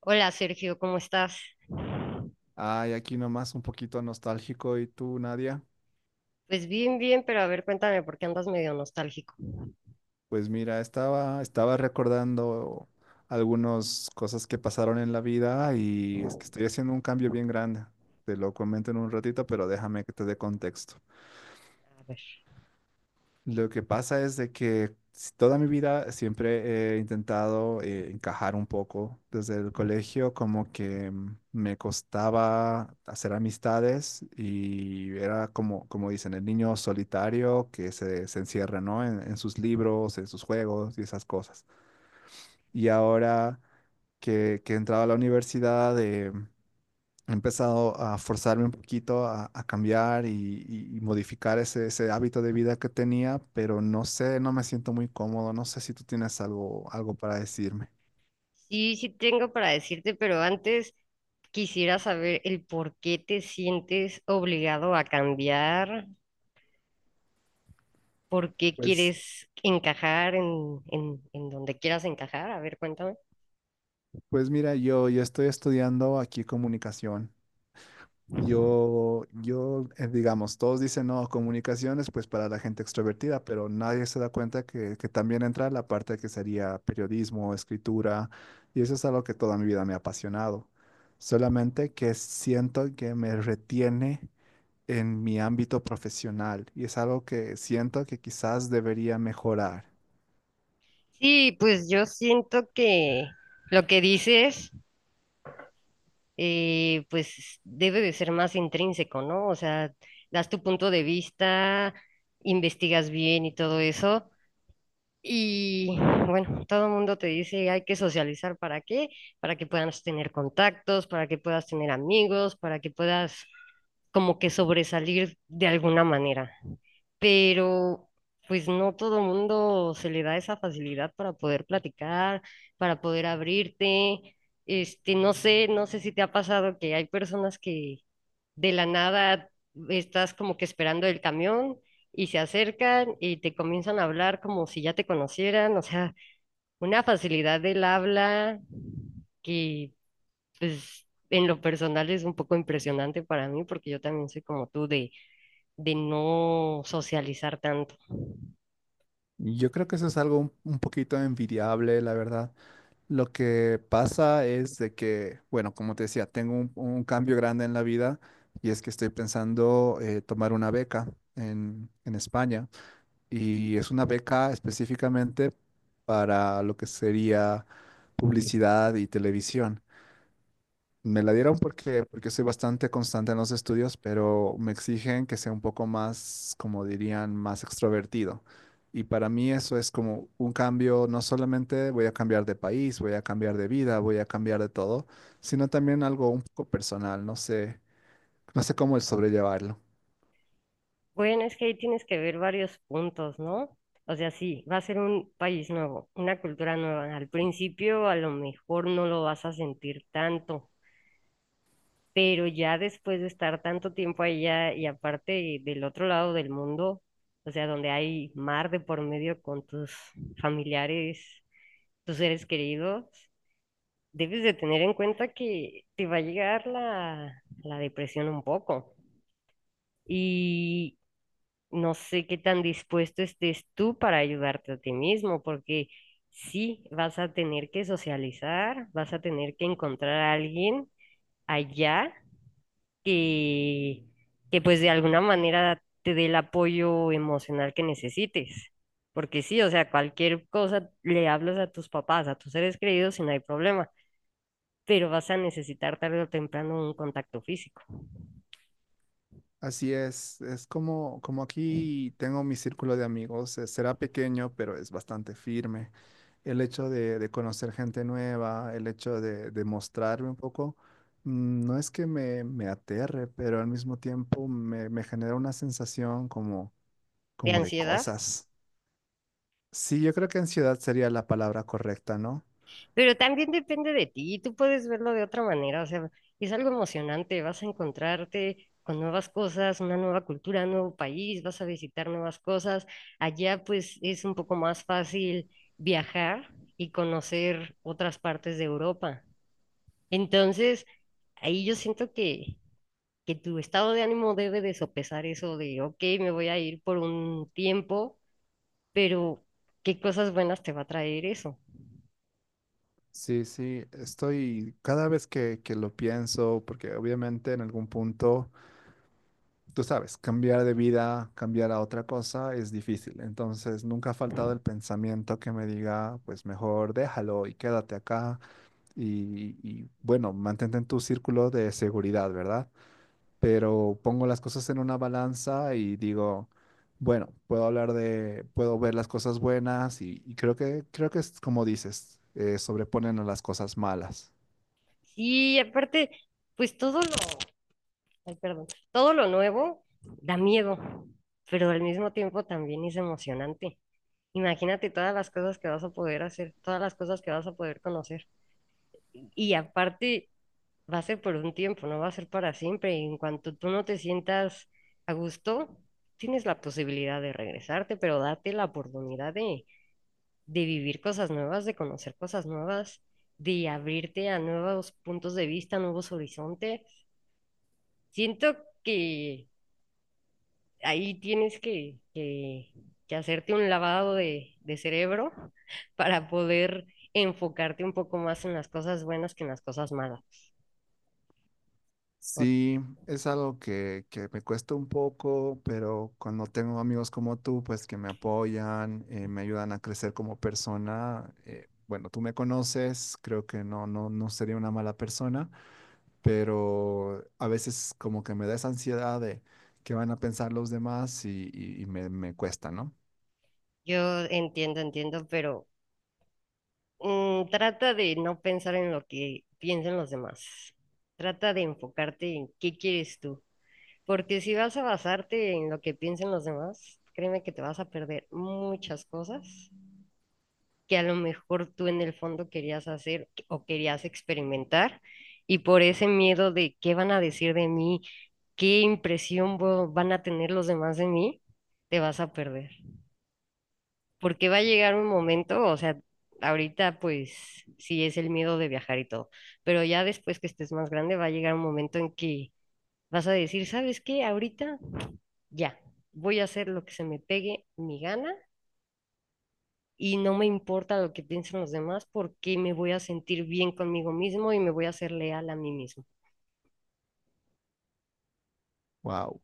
Hola, Sergio, ¿cómo estás? Ay, aquí nomás un poquito nostálgico. ¿Y tú, Nadia? Pues bien, bien, pero a ver, cuéntame por qué andas medio nostálgico. Pues mira, estaba recordando algunas cosas que pasaron en la vida y es que estoy haciendo un cambio bien grande. Te lo comento en un ratito, pero déjame que te dé contexto. A ver. Lo que pasa es de que toda mi vida siempre he intentado encajar un poco. Desde el colegio como que me costaba hacer amistades y era como, como dicen, el niño solitario que se encierra, ¿no? En sus libros, en sus juegos y esas cosas. Y ahora que he entrado a la universidad, he empezado a forzarme un poquito a cambiar y modificar ese hábito de vida que tenía, pero no sé, no me siento muy cómodo, no sé si tú tienes algo, algo para decirme. Sí, sí tengo para decirte, pero antes quisiera saber el por qué te sientes obligado a cambiar, por qué Pues, quieres encajar en donde quieras encajar. A ver, cuéntame. pues mira, yo estoy estudiando aquí comunicación. Yo, digamos, todos dicen no, comunicaciones, pues para la gente extrovertida, pero nadie se da cuenta que también entra la parte que sería periodismo, escritura, y eso es algo que toda mi vida me ha apasionado. Solamente que siento que me retiene en mi ámbito profesional y es algo que siento que quizás debería mejorar. Sí, pues yo siento que lo que dices pues debe de ser más intrínseco, ¿no? O sea, das tu punto de vista, investigas bien y todo eso. Y bueno, todo el mundo te dice, hay que socializar para qué, para que puedas tener contactos, para que puedas tener amigos, para que puedas como que sobresalir de alguna manera, pero pues no todo mundo se le da esa facilidad para poder platicar, para poder abrirte. Este, no sé, no sé si te ha pasado que hay personas que de la nada estás como que esperando el camión y se acercan y te comienzan a hablar como si ya te conocieran, o sea, una facilidad del habla que pues en lo personal es un poco impresionante para mí porque yo también soy como tú de no socializar tanto. Yo creo que eso es algo un poquito envidiable, la verdad. Lo que pasa es de que, bueno, como te decía, tengo un cambio grande en la vida y es que estoy pensando tomar una beca en España y es una beca específicamente para lo que sería publicidad y televisión. Me la dieron porque soy bastante constante en los estudios, pero me exigen que sea un poco más, como dirían, más extrovertido. Y para mí eso es como un cambio, no solamente voy a cambiar de país, voy a cambiar de vida, voy a cambiar de todo, sino también algo un poco personal, no sé, no sé cómo el sobrellevarlo. Bueno, es que ahí tienes que ver varios puntos, ¿no? O sea, sí, va a ser un país nuevo, una cultura nueva. Al principio a lo mejor no lo vas a sentir tanto, pero ya después de estar tanto tiempo allá y aparte del otro lado del mundo, o sea, donde hay mar de por medio con tus familiares, tus seres queridos, debes de tener en cuenta que te va a llegar la, la depresión un poco. No sé qué tan dispuesto estés tú para ayudarte a ti mismo, porque sí, vas a tener que socializar, vas a tener que encontrar a alguien allá que, que pues de alguna manera te dé el apoyo emocional que necesites. Porque sí, o sea, cualquier cosa le hablas a tus papás, a tus seres queridos y no hay problema, pero vas a necesitar tarde o temprano un contacto físico. Así es como, como aquí tengo mi círculo de amigos, será pequeño, pero es bastante firme. El hecho de conocer gente nueva, el hecho de mostrarme un poco, no es que me aterre, pero al mismo tiempo me genera una sensación como, ¿De como de ansiedad? cosas. Sí, yo creo que ansiedad sería la palabra correcta, ¿no? Pero también depende de ti, tú puedes verlo de otra manera, o sea, es algo emocionante, vas a encontrarte con nuevas cosas, una nueva cultura, un nuevo país, vas a visitar nuevas cosas. Allá pues es un poco más fácil viajar y conocer otras partes de Europa. Entonces, ahí yo siento que tu estado de ánimo debe de sopesar eso de, ok, me voy a ir por un tiempo, pero ¿qué cosas buenas te va a traer eso? Sí, sí, estoy cada vez que lo pienso, porque obviamente en algún punto, tú sabes, cambiar de vida, cambiar a otra cosa es difícil. Entonces, nunca ha faltado el pensamiento que me diga, pues mejor déjalo y quédate acá y, y, bueno, mantente en tu círculo de seguridad, ¿verdad? Pero pongo las cosas en una balanza y digo, bueno, puedo hablar de, puedo ver las cosas buenas y creo creo que es como dices, sobreponen a las cosas malas. Y aparte, pues todo lo... Ay, perdón. Todo lo nuevo da miedo, pero al mismo tiempo también es emocionante. Imagínate todas las cosas que vas a poder hacer, todas las cosas que vas a poder conocer. Y aparte, va a ser por un tiempo, no va a ser para siempre. Y en cuanto tú no te sientas a gusto, tienes la posibilidad de regresarte, pero date la oportunidad de vivir cosas nuevas, de conocer cosas nuevas, de abrirte a nuevos puntos de vista, nuevos horizontes. Siento que ahí tienes que que hacerte un lavado de cerebro para poder enfocarte un poco más en las cosas buenas que en las cosas malas. O- Sí, es algo que me cuesta un poco, pero cuando tengo amigos como tú, pues que me apoyan, me ayudan a crecer como persona, bueno, tú me conoces, creo que no, no, no sería una mala persona. Pero a veces como que me da esa ansiedad de qué van a pensar los demás y me, me cuesta, ¿no? Yo entiendo, entiendo, pero trata de no pensar en lo que piensan los demás. Trata de enfocarte en qué quieres tú. Porque si vas a basarte en lo que piensen los demás, créeme que te vas a perder muchas cosas que a lo mejor tú en el fondo querías hacer o querías experimentar y por ese miedo de qué van a decir de mí, qué impresión van a tener los demás de mí, te vas a perder. Porque va a llegar un momento, o sea, ahorita pues sí es el miedo de viajar y todo, pero ya después que estés más grande va a llegar un momento en que vas a decir, ¿sabes qué? Ahorita ya, voy a hacer lo que se me pegue mi gana y no me importa lo que piensen los demás porque me voy a sentir bien conmigo mismo y me voy a ser leal a mí mismo. Wow.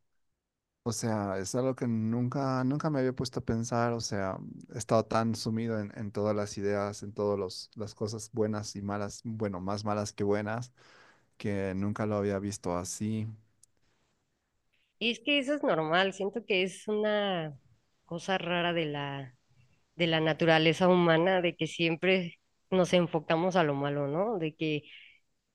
O sea, es algo que nunca, nunca me había puesto a pensar, o sea, he estado tan sumido en todas las ideas, en todas las cosas buenas y malas, bueno, más malas que buenas, que nunca lo había visto así. Y es que eso es normal, siento que es una cosa rara de la naturaleza humana, de que siempre nos enfocamos a lo malo, ¿no? De que,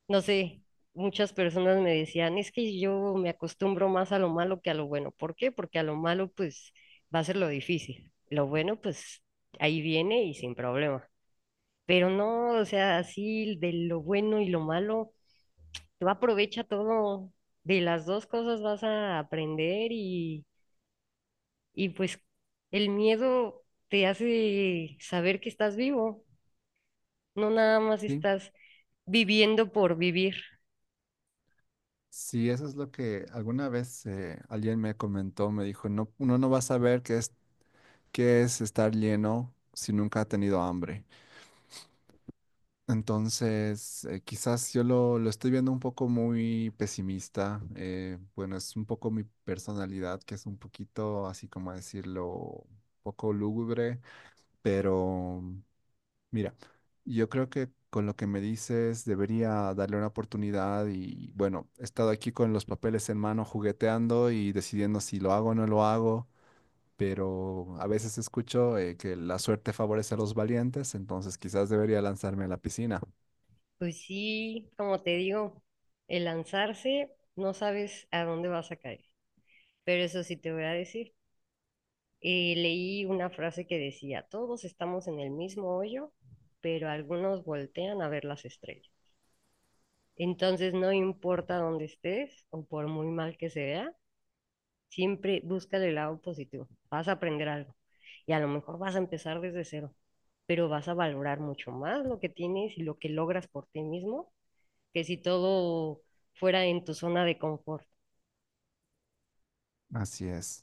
no sé, muchas personas me decían, es que yo me acostumbro más a lo malo que a lo bueno. ¿Por qué? Porque a lo malo pues va a ser lo difícil. Lo bueno pues ahí viene y sin problema. Pero no, o sea, así de lo bueno y lo malo, tú aprovecha todo, de las dos cosas vas a aprender y pues el miedo te hace saber que estás vivo, no nada más Sí, estás viviendo por vivir. sí, eso es lo que alguna vez alguien me comentó, me dijo, no, uno no va a saber qué es estar lleno si nunca ha tenido hambre. Entonces, quizás yo lo estoy viendo un poco muy pesimista. Eh, bueno, es un poco mi personalidad, que es un poquito, así como decirlo, un poco lúgubre, pero mira, yo creo que con lo que me dices debería darle una oportunidad y bueno, he estado aquí con los papeles en mano jugueteando y decidiendo si lo hago o no lo hago. Pero a veces escucho que la suerte favorece a los valientes, entonces quizás debería lanzarme a la piscina. Pues sí, como te digo, el lanzarse no sabes a dónde vas a caer, pero eso sí te voy a decir. Leí una frase que decía, todos estamos en el mismo hoyo, pero algunos voltean a ver las estrellas. Entonces, no importa dónde estés o por muy mal que se vea, siempre busca el lado positivo. Vas a aprender algo y a lo mejor vas a empezar desde cero, pero vas a valorar mucho más lo que tienes y lo que logras por ti mismo que si todo fuera en tu zona de confort. Así es.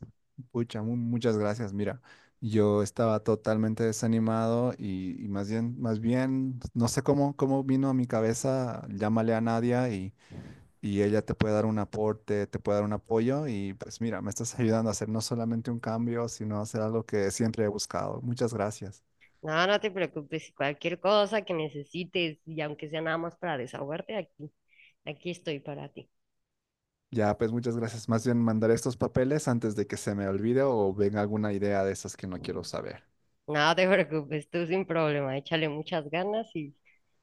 Pucha, muchas gracias. Mira, yo estaba totalmente desanimado y más bien, no sé cómo, cómo vino a mi cabeza, llámale a Nadia y ella te puede dar un aporte, te puede dar un apoyo y pues mira, me estás ayudando a hacer no solamente un cambio, sino hacer algo que siempre he buscado. Muchas gracias. No, no te preocupes, si cualquier cosa que necesites y aunque sea nada más para desahogarte, aquí, aquí estoy para ti. Ya, pues muchas gracias. Más bien mandar estos papeles antes de que se me olvide o venga alguna idea de esas que no quiero saber. No te preocupes, tú sin problema, échale muchas ganas y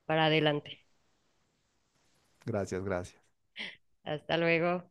para adelante. Gracias, gracias. Hasta luego.